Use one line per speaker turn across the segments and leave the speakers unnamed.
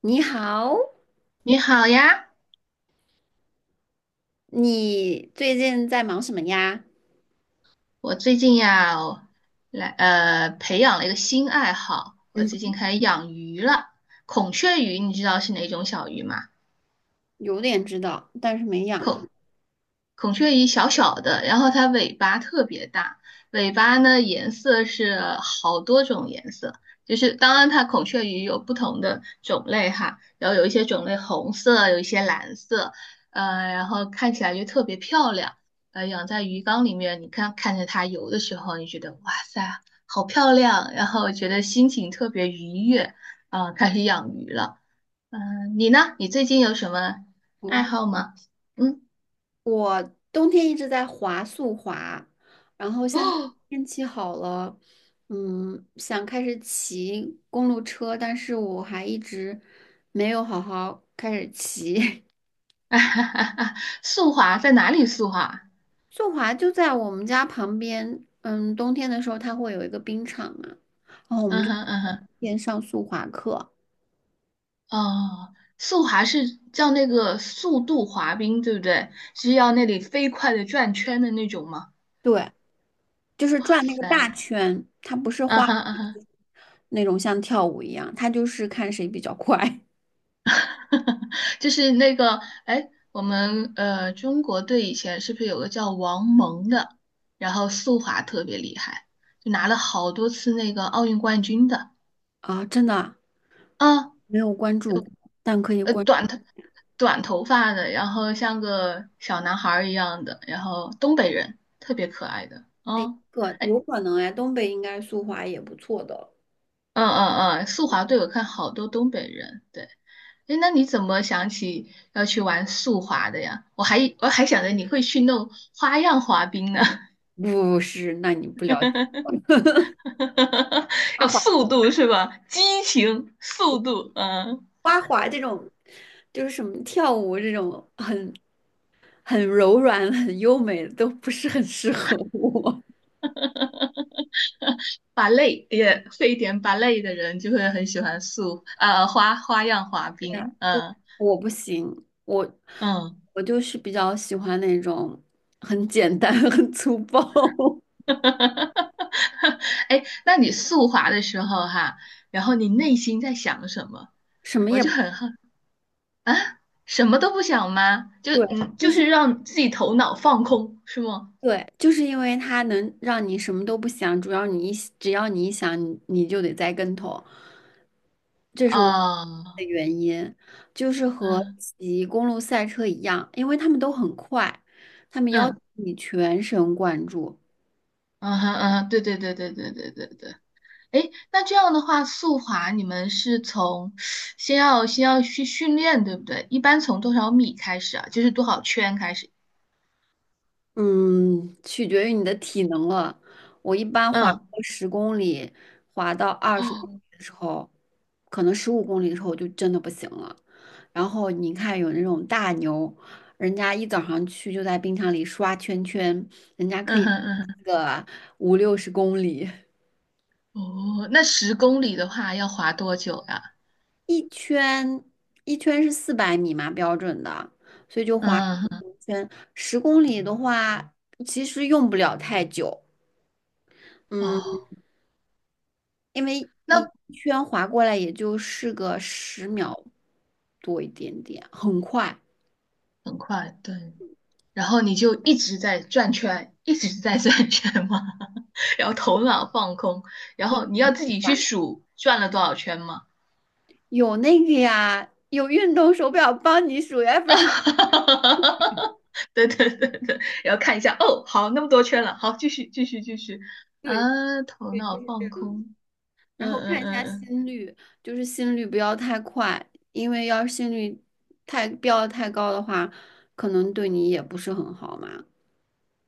你好，
你好呀，
你最近在忙什么呀？
我最近呀，我来培养了一个新爱好，我
嗯
最近
哼，
开始养鱼了。孔雀鱼你知道是哪种小鱼吗？
有点知道，但是没养过。
孔孔雀鱼小小的，然后它尾巴特别大，尾巴呢颜色是好多种颜色，就是当然它孔雀鱼有不同的种类哈，然后有一些种类红色，有一些蓝色，然后看起来就特别漂亮，养在鱼缸里面，你看看着它游的时候，你觉得哇塞，好漂亮，然后觉得心情特别愉悦，啊、开始养鱼了，嗯、你呢？你最近有什么爱
哦，
好吗？嗯。
我冬天一直在滑速滑，然后
哦。
现在天气好了，想开始骑公路车，但是我还一直没有好好开始骑。
速滑在哪里速滑？
速滑就在我们家旁边，冬天的时候它会有一个冰场嘛，然后我们
嗯
就
哼嗯
天
哼，
天上速滑课。
哦，速滑是叫那个速度滑冰，对不对？是要那里飞快的转圈的那种吗？
对。就是
哇
转那个大
塞，
圈，它不是
嗯
花
哼嗯哼，
那种像跳舞一样，它就是看谁比较快
就是那个，哎，我们中国队以前是不是有个叫王蒙的，然后速滑特别厉害，就拿了好多次那个奥运冠军的。
啊！真的啊
啊，
没有关注过但可以关注。
短的。短头发的，然后像个小男孩儿一样的，然后东北人，特别可爱的。
哎，
哦，
可
哎，
有可能哎，东北应该速滑也不错的。
嗯嗯嗯，速滑队我看好多东北人。对，哎，那你怎么想起要去玩速滑的呀？我还想着你会去弄花样滑冰呢，
不是，那你不了解，啊
要速度是吧？激情、速度，嗯，
就是什么跳舞这种很很柔软、很优美的都不是很适合我，
芭蕾也会一点芭蕾的人就会很喜欢花样滑冰，嗯。
我不行，我
嗯
我就是比较喜欢那种很简单、很粗暴，
哈哈哈！哈哎，那你速滑的时候哈，然后你内心在想什么？
什么
我
也。
就很好啊，什么都不想吗？就
对，
嗯，
就
就
是
是让自己头脑放空，是吗？
对，就是因为它能让你什么都不想，主要只要你一想，你就得栽跟头，这是我
啊，
的原因。就是和
嗯
骑公路赛车一样，因为他们都很快，他们要求
嗯
你全神贯注。
嗯哼嗯哼，对对对对对对对对。哎，那这样的话，速滑你们是从先要去训练，对不对？一般从多少米开始啊？就是多少圈开始？
嗯，取决于你的体能了。我一般滑个
嗯，
十公里，滑到二十公
哦，
里的时候，可能十五公里的时候我就真的不行了。然后你看有那种大牛，人家一早上去就在冰场里刷圈圈，人家可
嗯
以
哼嗯哼。
刷个五六十公里，
哦，那10公里的话要滑多久呀？
一圈一圈是400米嘛标准的，所以就滑1
嗯，
圈。十公里的话，其实用不了太久。嗯。
哦，
因为
那
一圈划过来也就是个10秒多一点点，很快。
很快，对。然后你就一直在转圈，一直在转圈吗？然后头脑放空，然后你要自己去数转了多少圈吗？
有那个呀，有运动手表帮你数呀，要不 然
啊，对对对对，然后看一下，哦，好，那么多圈了，好，继续继续继续，
对
啊，头
对就
脑
是这
放
样。
空，
然
嗯
后
嗯
看一
嗯
下
嗯。
心率，就是心率不要太快，因为要是心率太高的话，可能对你也不是很好嘛。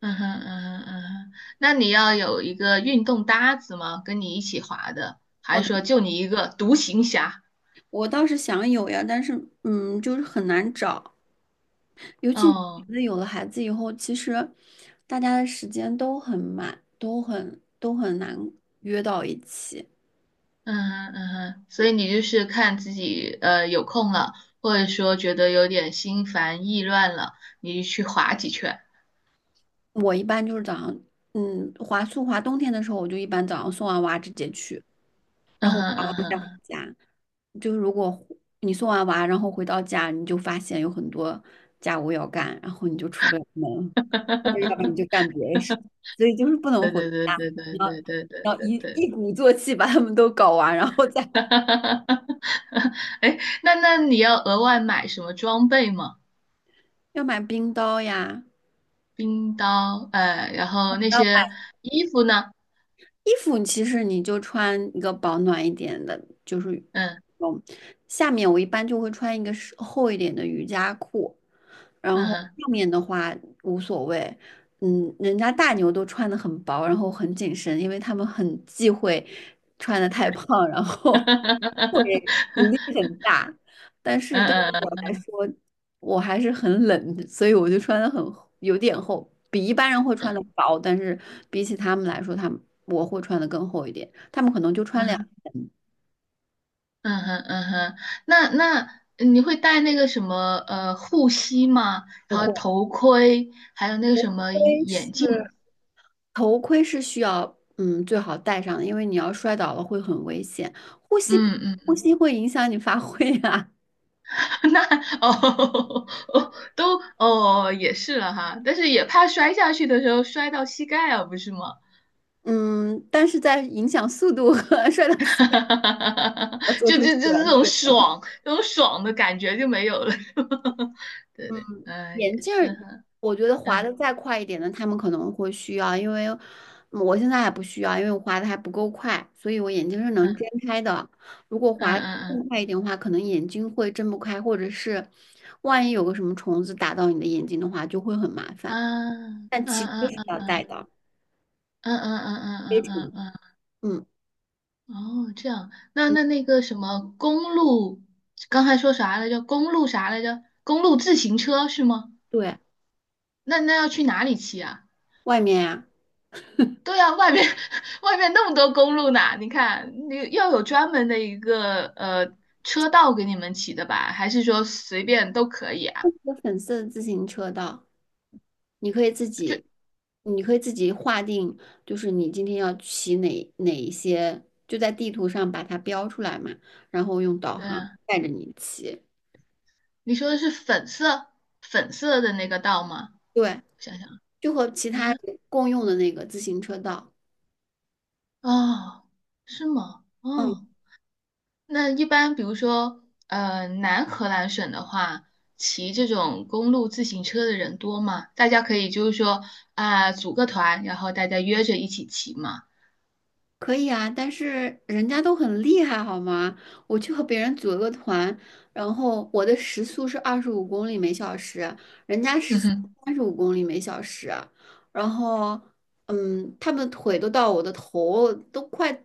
嗯哼嗯哼嗯哼，那你要有一个运动搭子吗？跟你一起滑的，还是
我
说就你一个独行侠？
我倒是想有呀，但是就是很难找。尤其你
哦，
觉得有了孩子以后，其实大家的时间都很满，都很难约到一起。
嗯哼嗯哼，所以你就是看自己有空了，或者说觉得有点心烦意乱了，你就去滑几圈。
我一般就是早上，嗯，滑速滑冬天的时候，我就一般早上送完娃直接去。
嗯哼嗯哼，
就是如果回你送完娃，然后回到家，你就发现有很多家务要干，然后你就出不了门，或者要不然你就干别的事情，所以就是不能
对
回家，
对对对对对
你要你
对对
要
对
一
对。
一鼓作气把他们都搞完，然后再
哎，那你要额外买什么装备吗？
要买冰刀呀。
冰刀，然后那些衣服呢？
衣服其实你就穿一个保暖一点的，就是
嗯
嗯，下面我一般就会穿一个是厚一点的瑜伽裤，
嗯
然后
哼，
上面的话无所谓。嗯，人家大牛都穿的很薄，然后很紧身，因为他们很忌讳穿的太 胖，然后 会阻力
嗯
很大。对于我来
嗯
说，我还是很冷的所以我就穿的很有点厚，比一般人会穿的
嗯
薄，但是比起他们来说，他们我会穿的更厚一点。他们可能就穿两，
嗯嗯哼嗯哼，那你会戴那个什么护膝吗？
不
然后
会。
头盔，还有那个什么
盔
眼镜？
是，头盔是需要嗯最好戴上的，因为你要摔倒了会很危险，呼吸
嗯
呼
嗯，
吸会影响你发挥啊。
那哦 哦都哦也是了哈，但是也怕摔下去的时候摔到膝盖啊，不是吗？
嗯，但是在影响速度和 摔倒 膝盖
哈，
要做
就
出
就
选
就是这种
择。
爽，这种爽的感觉就没有了，是吧？对对，嗯，
眼
也
镜儿，
是哈，
我觉得滑的
嗯
再快一点的，他们可能会需要，因为我现在还不需要，因为我滑的还不够快，所以我眼睛是能睁
嗯
开的。如果
嗯
滑得
嗯嗯
更快一点的话，可能眼睛会睁不开，或者是万一有个什么虫子打到你的眼睛的话，就会很麻
啊，
烦。
嗯
但其实
嗯
是
嗯
要戴
嗯
的，
嗯嗯嗯
非
嗯
常，
嗯嗯，
嗯
嗯哦，这样，那
嗯，
那那个什么公路，刚才说啥来着？公路啥来着？公路自行车是吗？
对，
那要去哪里骑啊？
外面呀、
对啊，外面 外面那么多公路呢，你看，你要有专门的一个车道给你们骑的吧？还是说随便都可以啊？
粉色自行车道，你可以自己，你可以自己划定，就是你今天要骑哪一些，就在地图上把它标出来嘛，然后用导
对
航
啊，
带着你骑。
你说的是粉色的那个道吗？
对，
想想
就和其他人共用的那个自行车道。
啊，是吗？
嗯。
哦，那一般比如说南荷兰省的话，骑这种公路自行车的人多吗？大家可以就是说啊、组个团，然后大家约着一起骑嘛。
可以啊，但是人家都很厉害，好吗？我去和别人组了个团，然后我的时速是25公里每小时，人家时
嗯
速
哼，
35公里每小时，然后，嗯，他们腿都到我的头，都快，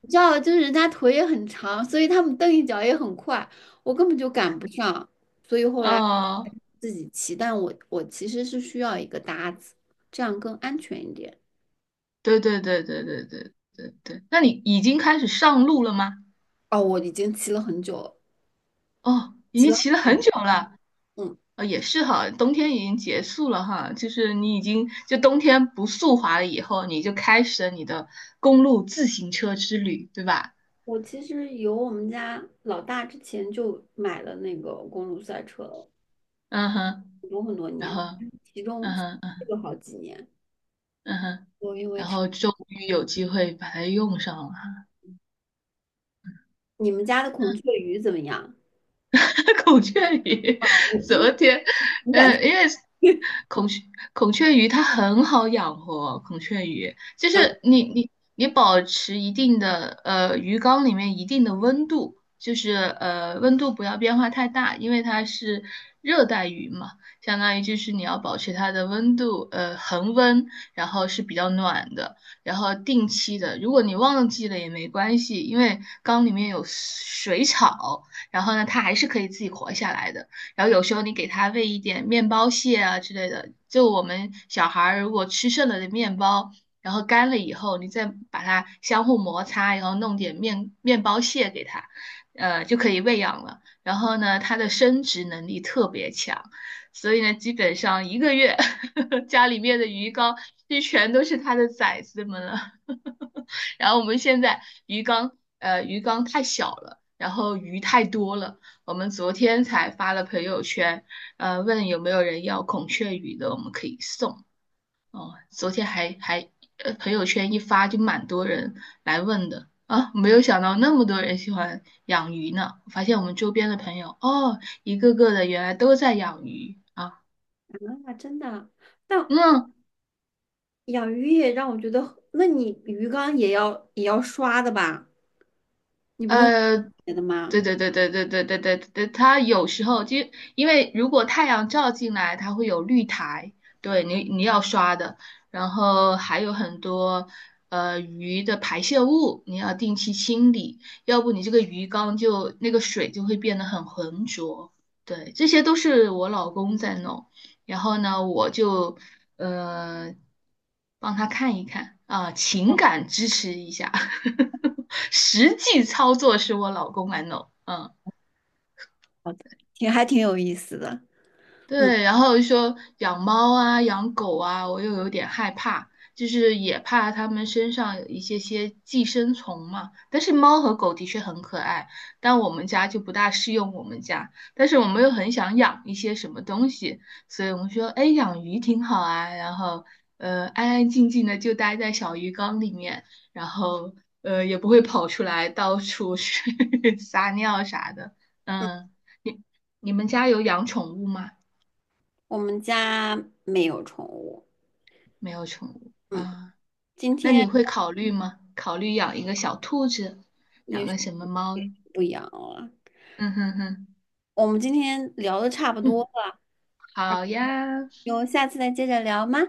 你知道，就是人家腿也很长，所以他们蹬一脚也很快，我根本就赶不上，所以后来
哦。
自己骑，但我其实是需要一个搭子，这样更安全一点。
对对对对对对对对，那你已经开始上路了吗？
哦，我已经骑了很久了，
哦，已
骑
经
了。
骑了很久了，
嗯。
哦，也是哈，冬天已经结束了哈，就是你已经就冬天不速滑了以后，你就开始了你的公路自行车之旅，对吧？
我其实有我们家老大之前就买了那个公路赛车了，
嗯哼，
很多很多
然
年，
后
其中
嗯哼嗯哼
有好几年。
嗯哼，
我因为
然
他，
后终于有机会把它用上了。
你们家的孔雀鱼怎么样？
孔雀鱼，
我
昨天，
你敢？
嗯，因为孔雀孔雀鱼它很好养活，孔雀鱼就是你保持一定的鱼缸里面一定的温度，就是温度不要变化太大，因为它是热带鱼嘛，相当于就是你要保持它的温度恒温，然后是比较暖的，然后定期的，如果你忘记了也没关系，因为缸里面有水草。然后呢，它还是可以自己活下来的。然后有时候你给它喂一点面包屑啊之类的，就我们小孩儿如果吃剩了的面包，然后干了以后，你再把它相互摩擦，然后弄点面包屑给它，就可以喂养了。然后呢，它的生殖能力特别强，所以呢，基本上一个月 家里面的鱼缸就全都是它的崽子们了。然后我们现在鱼缸，鱼缸太小了。然后鱼太多了，我们昨天才发了朋友圈，问有没有人要孔雀鱼的，我们可以送哦。昨天还还呃，朋友圈一发就蛮多人来问的啊，没有想到那么多人喜欢养鱼呢。我发现我们周边的朋友哦，一个个的原来都在养鱼啊。
啊，真的，但
嗯，
养鱼也让我觉得，那你鱼缸也要刷的吧？你不用
呃，
别的
对
吗？
对对对对对对对对，它有时候就因为如果太阳照进来，它会有绿苔，对你你要刷的，然后还有很多鱼的排泄物，你要定期清理，要不你这个鱼缸就那个水就会变得很浑浊。对，这些都是我老公在弄，然后呢，我就呃帮他看一看啊、情感支持一下，实际操作是我老公来弄，嗯。
挺还挺有意思的。
对，然后说养猫啊、养狗啊，我又有点害怕，就是也怕它们身上有一些些寄生虫嘛。但是猫和狗的确很可爱，但我们家就不大适用我们家。但是我们又很想养一些什么东西，所以我们说，哎，养鱼挺好啊。然后，安安静静的就待在小鱼缸里面，然后，也不会跑出来到处去 撒尿啥的。嗯，你你们家有养宠物吗？
我们家没有宠物，
没有宠物
嗯，
啊，
今
那
天
你会考虑吗？考虑养一个小兔子，养
也许
个什么猫？
也许不养了，
嗯哼哼，
我们今天聊的差不多
嗯，
了，
好呀，
有下次再接着聊吗？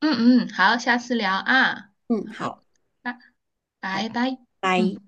嗯嗯，好，下次聊啊，
嗯，
好，
好，
拜
好，
拜拜，
拜。
嗯。